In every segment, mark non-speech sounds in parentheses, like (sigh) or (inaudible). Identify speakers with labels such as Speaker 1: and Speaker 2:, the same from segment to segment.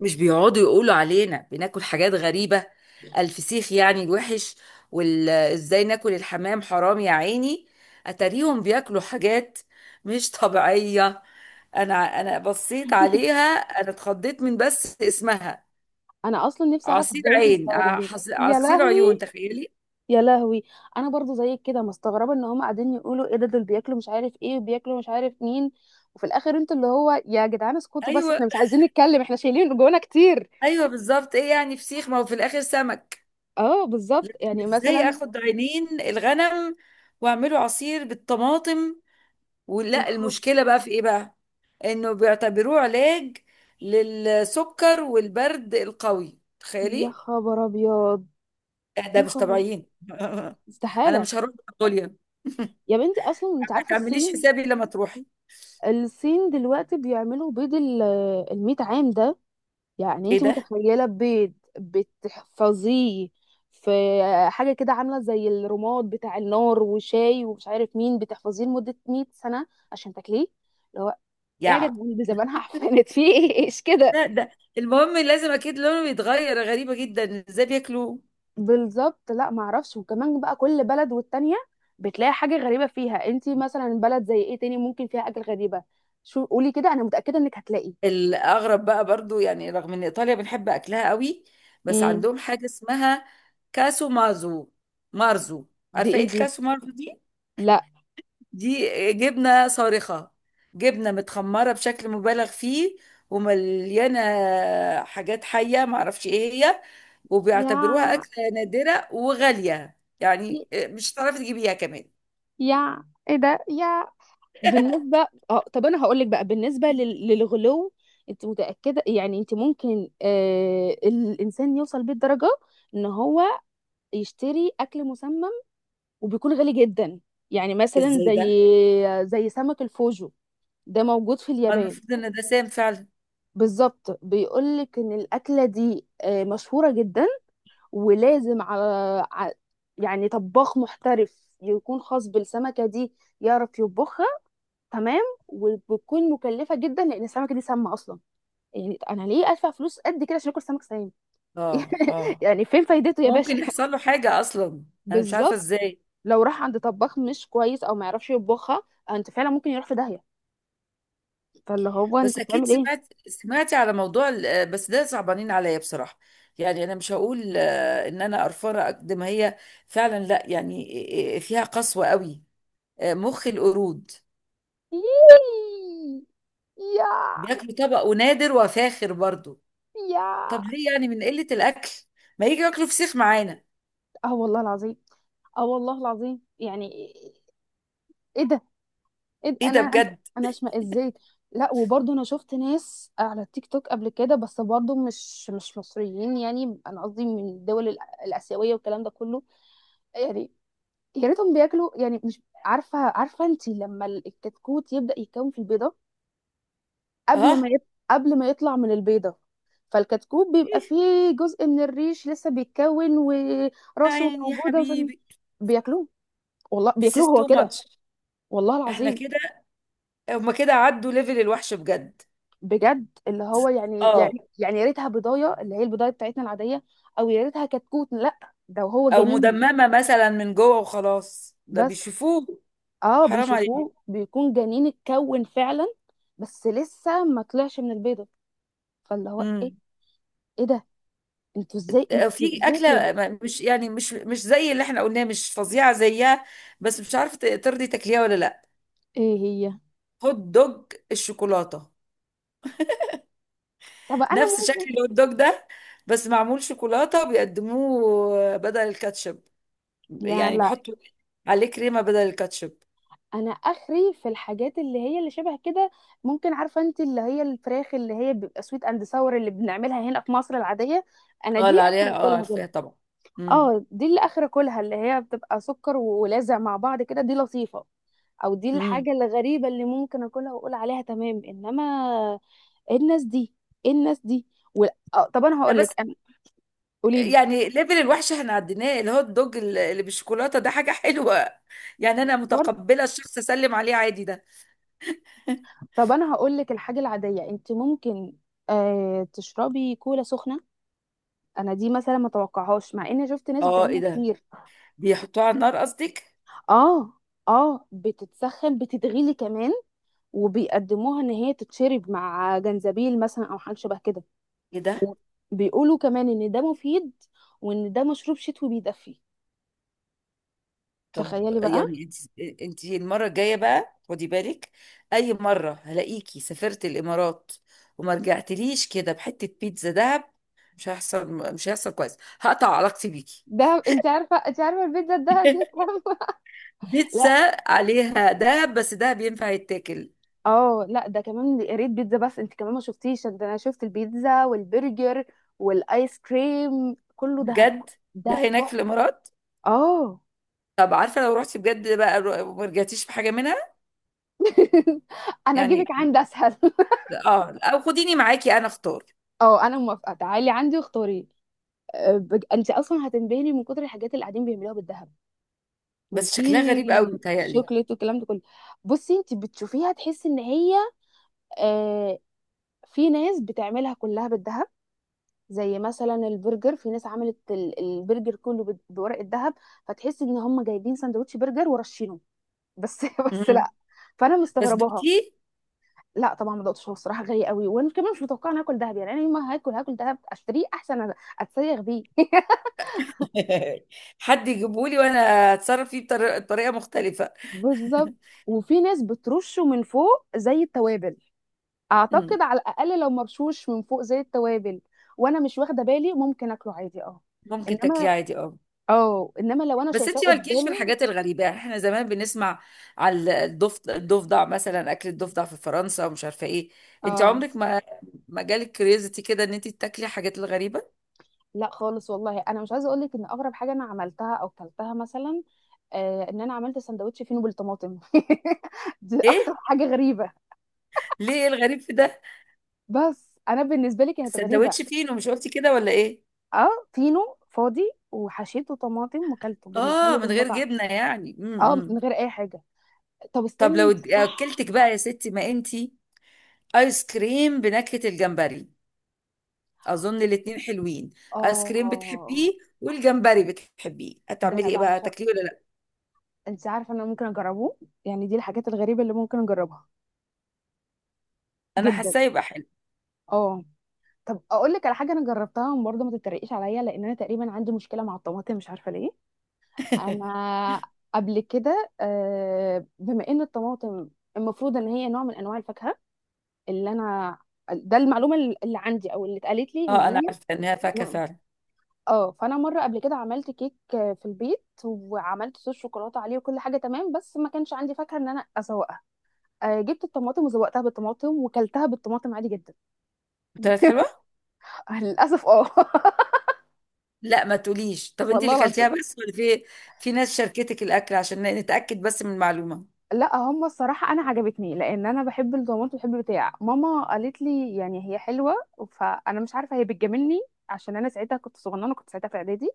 Speaker 1: مش بيقعدوا يقولوا علينا بناكل حاجات غريبة. الفسيخ يعني الوحش. وازاي ناكل الحمام؟ حرام يا عيني. اتاريهم بياكلوا حاجات مش طبيعية. انا انا بصيت عليها. انا اتخضيت من بس اسمها.
Speaker 2: انا اصلا نفسي اعرف
Speaker 1: عصير
Speaker 2: ازاي
Speaker 1: عين ع-
Speaker 2: مستغربين.
Speaker 1: حص-
Speaker 2: يا
Speaker 1: عصير عيون،
Speaker 2: لهوي،
Speaker 1: تخيلي!
Speaker 2: يا لهوي. انا برضو زيك كده مستغربه ان هم قاعدين يقولوا ايه ده، دول بياكلوا مش عارف ايه وبياكلوا مش عارف مين. وفي الاخر انتوا اللي هو يا جدعان اسكتوا بس،
Speaker 1: ايوه،
Speaker 2: احنا مش عايزين نتكلم، احنا شايلين جوانا كتير.
Speaker 1: ايوه، بالظبط. ايه يعني فسيخ؟ ما هو في الاخر سمك.
Speaker 2: اه بالظبط، يعني
Speaker 1: ازاي
Speaker 2: مثلا.
Speaker 1: اخد عينين الغنم واعمله عصير بالطماطم؟
Speaker 2: يا
Speaker 1: ولا
Speaker 2: خب...
Speaker 1: المشكلة بقى في ايه بقى؟ انه بيعتبروه علاج للسكر والبرد القوي،
Speaker 2: يا
Speaker 1: تخيلي!
Speaker 2: خبر ابيض.
Speaker 1: ده
Speaker 2: يا
Speaker 1: مش
Speaker 2: خبر.
Speaker 1: طبيعيين. (laughs) انا
Speaker 2: استحاله.
Speaker 1: مش هروح منغوليا.
Speaker 2: يا بنتي اصلا انت
Speaker 1: ما
Speaker 2: عارفه
Speaker 1: تعمليش
Speaker 2: الصين
Speaker 1: حسابي لما تروحي.
Speaker 2: الصين دلوقتي بيعملوا بيض ال 100 عام ده. يعني
Speaker 1: ايه
Speaker 2: انت
Speaker 1: ده؟
Speaker 2: متخيله بيض بتحفظيه في حاجه كده عامله زي الرماد بتاع النار وشاي ومش عارف مين، بتحفظيه لمده 100 سنه عشان تاكليه. اللي هو ايه يا
Speaker 1: يا
Speaker 2: جدعان، دي زمانها عفنت في ايه؟ ايش كده.
Speaker 1: ده المهم، لازم اكيد لونه يتغير. غريبة جدا ازاي بياكلوا.
Speaker 2: بالظبط، لا معرفش. وكمان بقى كل بلد والتانيه بتلاقي حاجه غريبه فيها. انت مثلا بلد زي ايه تاني ممكن فيها اكل غريبه؟ شو قولي كده، انا متاكده انك هتلاقي.
Speaker 1: الاغرب بقى برضو، يعني رغم ان ايطاليا بنحب اكلها قوي، بس
Speaker 2: امم.
Speaker 1: عندهم حاجة اسمها كاسو مارزو.
Speaker 2: دي
Speaker 1: عارفة ايه
Speaker 2: ايه دي؟
Speaker 1: الكاسو مارزو دي؟
Speaker 2: لا.
Speaker 1: دي جبنة صارخة، جبنة متخمرة بشكل مبالغ فيه، ومليانة حاجات حية معرفش ايه هي.
Speaker 2: يا
Speaker 1: وبيعتبروها أكلة نادرة وغالية، يعني مش هتعرفي تجيبيها كمان.
Speaker 2: يا ايه ده يا. بالنسبة، اه طب انا هقول لك بقى بالنسبة للغلو. انت متأكدة يعني انت ممكن الانسان يوصل بيه الدرجة ان هو يشتري اكل مسمم وبيكون غالي جدا؟ يعني مثلا
Speaker 1: ازاي
Speaker 2: زي
Speaker 1: ده؟
Speaker 2: زي سمك الفوجو، ده موجود في اليابان.
Speaker 1: المفروض ان ده سام فعلا.
Speaker 2: بالظبط، بيقول لك ان الاكلة دي مشهورة جدا، ولازم على ع- يعني طباخ محترف يكون خاص بالسمكة دي، يعرف يطبخها، تمام. وبتكون مكلفه جدا لان السمكه دي سامه اصلا. يعني انا ليه ادفع فلوس قد كده عشان اكل سمك سام؟
Speaker 1: اه،
Speaker 2: (laughs)
Speaker 1: اه،
Speaker 2: يعني فين فايدته يا باشا؟
Speaker 1: ممكن يحصل له حاجة
Speaker 2: (laughs)
Speaker 1: اصلا. انا مش
Speaker 2: بالظبط.
Speaker 1: عارفة ازاي.
Speaker 2: لو راح عند طباخ مش كويس او ما يعرفش يطبخها، انت فعلا ممكن يروح في داهيه. فاللي هو
Speaker 1: بس
Speaker 2: انت
Speaker 1: اكيد
Speaker 2: بتعمل ايه؟
Speaker 1: سمعت سمعتي على موضوع بس ده صعبانين عليا بصراحه. يعني انا مش هقول ان انا قرفانه قد ما هي فعلا، لا يعني، فيها قسوه قوي. مخ القرود
Speaker 2: يييي. يا
Speaker 1: بياكلوا، طبق ونادر وفاخر برضو.
Speaker 2: يا
Speaker 1: طب ليه؟ يعني من قله الاكل ما يجي ياكلوا فسيخ معانا.
Speaker 2: اه والله العظيم، اه والله العظيم يعني. ايه ده؟ ايه ده؟
Speaker 1: ايه
Speaker 2: انا
Speaker 1: ده
Speaker 2: انا
Speaker 1: بجد!
Speaker 2: أنا اشمئز ازاي. لا وبرضه انا شفت ناس على التيك توك قبل كده، بس برضه مش مصريين. يعني انا قصدي من الدول الاسيويه والكلام ده كله. يعني يا ريتهم بياكلوا، يعني مش عارفه، عارفه انت لما الكتكوت يبدا يتكون في البيضه، قبل
Speaker 1: اه،
Speaker 2: ما يط... قبل ما يطلع من البيضه، فالكتكوت بيبقى فيه جزء من الريش لسه بيتكون
Speaker 1: يا
Speaker 2: وراسه
Speaker 1: عيني يا
Speaker 2: موجوده، عشان
Speaker 1: حبيبي.
Speaker 2: بياكلوه. والله
Speaker 1: This is
Speaker 2: بياكلوه هو
Speaker 1: too
Speaker 2: كده،
Speaker 1: much.
Speaker 2: والله
Speaker 1: احنا
Speaker 2: العظيم.
Speaker 1: كده، هما كده عدوا ليفل الوحش بجد.
Speaker 2: بجد اللي هو يعني
Speaker 1: اه،
Speaker 2: يعني يعني يا ريتها بضايه، اللي هي البضايه بتاعتنا العاديه. او يا ريتها كتكوت، لا ده هو
Speaker 1: او
Speaker 2: جنين.
Speaker 1: مدممه مثلا من جوه وخلاص ده
Speaker 2: بس
Speaker 1: بيشوفوه.
Speaker 2: اه
Speaker 1: حرام
Speaker 2: بيشوفوه
Speaker 1: عليك.
Speaker 2: بيكون جنين اتكون فعلا، بس لسه ما طلعش من البيضه. فاللي هو ايه؟
Speaker 1: امم
Speaker 2: ايه ده؟ انتوا ازاي، انتوا
Speaker 1: في
Speaker 2: ازاي كده؟
Speaker 1: اكله مش يعني مش زي اللي احنا قلناه، مش فظيعه زيها. بس مش عارفه ترضي تاكليها ولا لا؟
Speaker 2: ايه هي؟
Speaker 1: هوت دوج الشوكولاته.
Speaker 2: طب انا
Speaker 1: نفس
Speaker 2: ممكن.
Speaker 1: شكل الهوت دوج ده، بس معمول شوكولاته، بيقدموه بدل الكاتشب.
Speaker 2: لا
Speaker 1: يعني
Speaker 2: لا.
Speaker 1: بيحطوا عليه كريمه بدل الكاتشب.
Speaker 2: انا اخري في الحاجات اللي هي اللي شبه كده، ممكن. عارفه انت اللي هي الفراخ اللي هي بيبقى سويت اند ساور اللي بنعملها هنا في مصر العاديه؟ انا
Speaker 1: اه،
Speaker 2: دي
Speaker 1: اللي
Speaker 2: اخري
Speaker 1: عليها، اه،
Speaker 2: اكلها.
Speaker 1: عارفاها طبعا. امم،
Speaker 2: اه دي اللي اخر اكلها، اللي هي بتبقى سكر ولازع مع بعض كده، دي لطيفه. او دي
Speaker 1: امم،
Speaker 2: الحاجه الغريبه اللي ممكن اكلها واقول عليها تمام، انما ايه الناس دي، ايه الناس دي. و... آه طب انا
Speaker 1: لا
Speaker 2: هقول
Speaker 1: بس،
Speaker 2: لك انا. قولي لي.
Speaker 1: يعني ليفل الوحش احنا عديناه. الهوت دوج اللي بالشوكولاته ده حاجه حلوه، يعني انا
Speaker 2: برضه،
Speaker 1: متقبله الشخص اسلم عليه عادي ده.
Speaker 2: طب انا هقول لك الحاجه العاديه انت ممكن تشربي كولا سخنه. انا دي مثلا ما توقعهاش مع اني شفت ناس
Speaker 1: اه، ايه
Speaker 2: بتعملها
Speaker 1: ده؟
Speaker 2: كتير.
Speaker 1: بيحطوه على النار قصدك؟
Speaker 2: اه، اه بتتسخن، بتتغلي كمان، وبيقدموها ان هي تتشرب مع جنزبيل مثلا او حاجه شبه كده،
Speaker 1: ايه ده؟
Speaker 2: وبيقولوا كمان ان ده مفيد وان ده مشروب شتوي بيدفي.
Speaker 1: طب
Speaker 2: تخيلي بقى.
Speaker 1: يعني انت المره الجايه بقى خدي بالك. اي مره هلاقيكي سافرت الامارات وما رجعتليش كده بحته بيتزا دهب، مش هيحصل، مش هيحصل. كويس، هقطع علاقتي بيكي.
Speaker 2: دهب، انت عارفه البيتزا الدهب دي؟
Speaker 1: (laughs)
Speaker 2: (laughs) لا.
Speaker 1: بيتزا عليها دهب؟ بس دهب ينفع يتاكل؟
Speaker 2: اه لا، ده كمان يا ريت بيتزا بس، انت كمان ما شفتيش ده، انا شفت البيتزا والبرجر والايس كريم كله دهب،
Speaker 1: بجد؟ ده
Speaker 2: ده
Speaker 1: هناك في
Speaker 2: تحفه.
Speaker 1: الامارات؟
Speaker 2: اه.
Speaker 1: طب عارفه، لو رحتي بجد بقى وما رجعتيش بحاجه منها،
Speaker 2: (laughs) انا اجيبك
Speaker 1: يعني
Speaker 2: عند اسهل. (laughs)
Speaker 1: اه، او خديني معاكي انا اختار.
Speaker 2: اه انا موافقه، تعالي عندي واختاري. انت اصلا هتنبهري من كتر الحاجات اللي قاعدين بيعملوها بالذهب،
Speaker 1: بس
Speaker 2: وفي
Speaker 1: شكلها غريب قوي متهيألي.
Speaker 2: شوكليت والكلام ده كله. بصي انت بتشوفيها تحسي ان هي آه في ناس بتعملها كلها بالذهب، زي مثلا البرجر في ناس عملت البرجر كله بورق الذهب، فتحسي ان هم جايبين سندوتش برجر ورشينه بس. (laughs) بس
Speaker 1: مم.
Speaker 2: لا، فانا
Speaker 1: بس
Speaker 2: مستغرباها.
Speaker 1: دوتي؟
Speaker 2: لا طبعا ما دقتش، هو الصراحه غالي قوي، وانا كمان مش متوقعه ان اكل دهب. يعني انا يوم ما هاكل، هاكل دهب اشتريه احسن، اتسيغ بيه. (laughs)
Speaker 1: (laughs) حد يجيبهولي وانا اتصرف فيه بطريقه مختلفه.
Speaker 2: بالظبط.
Speaker 1: (laughs)
Speaker 2: وفي ناس بترشه من فوق زي التوابل.
Speaker 1: مم.
Speaker 2: اعتقد على الاقل لو مرشوش من فوق زي التوابل وانا مش واخده بالي، ممكن اكله عادي اه.
Speaker 1: ممكن تاكليه
Speaker 2: انما
Speaker 1: عادي، اه.
Speaker 2: اه، انما لو انا
Speaker 1: بس
Speaker 2: شايفاه
Speaker 1: انتي مالكيش في
Speaker 2: قدامي،
Speaker 1: الحاجات الغريبه؟ يعني احنا زمان بنسمع على الضفدع، الضفدع مثلا، اكل الضفدع في فرنسا ومش عارفه ايه. انتي
Speaker 2: اه،
Speaker 1: عمرك ما جالك كريزتي كده ان انتي تاكلي الحاجات الغريبه؟
Speaker 2: لا خالص والله. انا مش عايزه اقول لك ان اغرب حاجه انا عملتها او كلتها مثلا، ان انا عملت سندوتش فينو بالطماطم. (laughs) دي
Speaker 1: ايه؟
Speaker 2: اكتر حاجه غريبه،
Speaker 1: ليه؟ إيه الغريب في ده؟
Speaker 2: بس انا بالنسبه لي كانت غريبه.
Speaker 1: السندوتش فين ومش قلتي كده ولا ايه؟
Speaker 2: اه فينو فاضي، وحشيته طماطم، وكلته بالنسبه
Speaker 1: اه،
Speaker 2: لي
Speaker 1: من
Speaker 2: كان
Speaker 1: غير
Speaker 2: متعه.
Speaker 1: جبنه يعني.
Speaker 2: اه، من
Speaker 1: امم.
Speaker 2: غير اي حاجه. طب
Speaker 1: طب لو
Speaker 2: استني صح.
Speaker 1: اكلتك بقى يا ستي ما انت، ايس كريم بنكهة الجمبري. اظن الاتنين حلوين.
Speaker 2: اه،
Speaker 1: ايس كريم بتحبيه، والجمبري بتحبيه،
Speaker 2: ده انا
Speaker 1: هتعملي ايه بقى؟
Speaker 2: بعشق.
Speaker 1: تاكليه ولا لا؟
Speaker 2: انت عارفه ان انا ممكن اجربه، يعني دي الحاجات الغريبه اللي ممكن اجربها.
Speaker 1: انا
Speaker 2: جدا.
Speaker 1: حاساه يبقى حلو.
Speaker 2: اه. طب اقول لك على حاجه انا جربتها برضه، ما تتريقيش عليا لان انا تقريبا عندي مشكله مع الطماطم مش عارفه ليه.
Speaker 1: (laughs)
Speaker 2: انا قبل كده، بما ان الطماطم المفروض ان هي نوع من انواع الفاكهه، اللي انا، ده المعلومه اللي عندي او اللي اتقالت لي ان
Speaker 1: اه،
Speaker 2: هي
Speaker 1: انا عارفه انها فاكهه
Speaker 2: نوع-
Speaker 1: فعلا.
Speaker 2: اه، فانا مره قبل كده عملت كيك في البيت، وعملت صوص شوكولاته عليه وكل حاجه تمام، بس ما كانش عندي فاكهه ان انا اسوق، جبت الطماطم وزوقتها بالطماطم وكلتها بالطماطم عادي جدا.
Speaker 1: طلعت
Speaker 2: (laughs)
Speaker 1: حلوه؟
Speaker 2: للاسف اه. (laughs)
Speaker 1: لا ما تقوليش. طب انت
Speaker 2: والله
Speaker 1: اللي كلتيها
Speaker 2: العظيم،
Speaker 1: بس ولا في ناس شاركتك الاكل عشان نتاكد بس من المعلومه؟
Speaker 2: لا هم الصراحه انا عجبتني لان انا بحب الطماطم، بحب البتاع، ماما قالت لي يعني هي حلوه، فانا مش عارفه هي بتجاملني عشان انا ساعتها كنت صغننه، كنت ساعتها في اعدادي،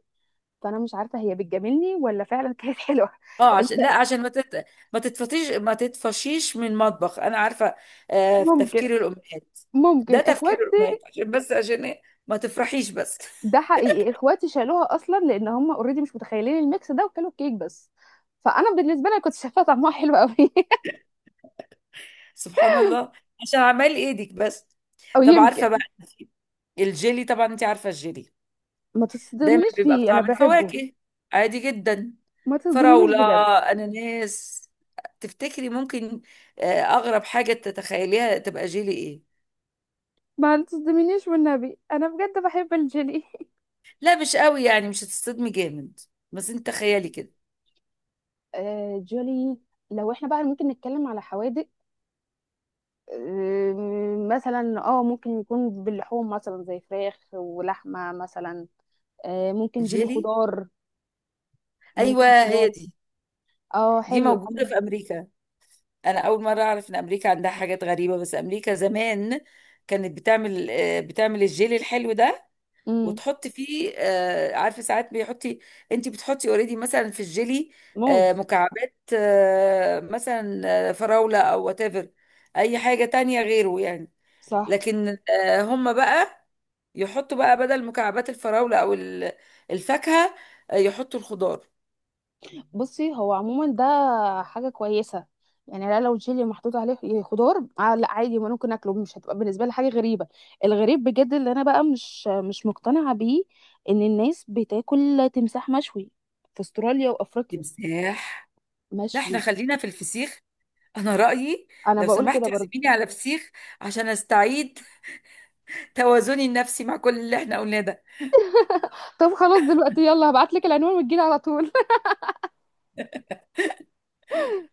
Speaker 2: فانا مش عارفه هي بتجاملني ولا فعلا كانت حلوه.
Speaker 1: اه،
Speaker 2: (laughs)
Speaker 1: عشان لا،
Speaker 2: الباقي
Speaker 1: عشان ما تتفطيش ما تتفشيش من المطبخ انا عارفه. في
Speaker 2: ممكن،
Speaker 1: تفكير الامهات.
Speaker 2: ممكن
Speaker 1: ده تفكير
Speaker 2: اخواتي،
Speaker 1: الامهات، عشان بس، عشان إيه؟ ما تفرحيش بس.
Speaker 2: ده حقيقي اخواتي شالوها اصلا لان هم اوريدي مش متخيلين الميكس ده وكلوا الكيك بس، فانا بالنسبه لي كنت شايفاها طعمها حلو قوي.
Speaker 1: سبحان الله، عشان اعمال ايدك بس.
Speaker 2: (laughs) او
Speaker 1: طب عارفه بقى
Speaker 2: يمكن.
Speaker 1: الجيلي؟ طبعا انت عارفه الجيلي،
Speaker 2: ما
Speaker 1: دايما
Speaker 2: تصدمنيش
Speaker 1: بيبقى
Speaker 2: فيه انا
Speaker 1: بطعم
Speaker 2: بحبه.
Speaker 1: الفواكه، عادي جدا:
Speaker 2: ما تصدمنيش
Speaker 1: فراوله،
Speaker 2: بجد.
Speaker 1: اناناس. تفتكري ممكن اغرب حاجه تتخيليها تبقى جيلي ايه؟
Speaker 2: ما تصدمنيش والنبي، انا بجد بحب الجيلي. (laughs)
Speaker 1: لا مش قوي، يعني مش هتصدمي جامد، بس انت تخيلي كده:
Speaker 2: آه جولي. لو احنا بقى ممكن نتكلم على حوادق، آه مثلا اه ممكن يكون باللحوم مثلا زي فراخ ولحمة مثلا، آه ممكن جيلي
Speaker 1: جيلي.
Speaker 2: خضار. ممكن
Speaker 1: ايوه، هي
Speaker 2: خضار.
Speaker 1: دي.
Speaker 2: اه
Speaker 1: دي
Speaker 2: حلو
Speaker 1: موجوده
Speaker 2: الحمد.
Speaker 1: في امريكا. انا اول مره اعرف ان امريكا عندها حاجات غريبه. بس امريكا زمان كانت بتعمل الجيلي الحلو ده،
Speaker 2: امم.
Speaker 1: وتحطي فيه عارفه؟ ساعات بيحطي، انت بتحطي اوريدي مثلا في الجيلي
Speaker 2: موز.
Speaker 1: مكعبات مثلا، فراوله او وات ايفر، اي حاجه تانية غيره يعني.
Speaker 2: صح.
Speaker 1: لكن هم بقى يحطوا بقى بدل مكعبات الفراوله او الفاكهه، يحطوا الخضار.
Speaker 2: بصي هو عموما ده حاجة كويسة، يعني لا لو جيلي محطوط عليه خضار آه، لا عادي ما ممكن اكله، مش هتبقى بالنسبة لي حاجة غريبة. الغريب بجد اللي انا بقى مش مقتنعة بيه ان الناس بتاكل تمساح مشوي في استراليا وافريقيا.
Speaker 1: تمساح! لا، احنا
Speaker 2: مشوي.
Speaker 1: خلينا في الفسيخ. انا رايي
Speaker 2: انا
Speaker 1: لو
Speaker 2: بقول كده
Speaker 1: سمحت
Speaker 2: برضه.
Speaker 1: اعزميني على فسيخ عشان استعيد (laughs) توازني النفسي مع كل اللي احنا قلناه ده.
Speaker 2: طب خلاص دلوقتي يلا هبعت لك العنوان وتجيلي على طول.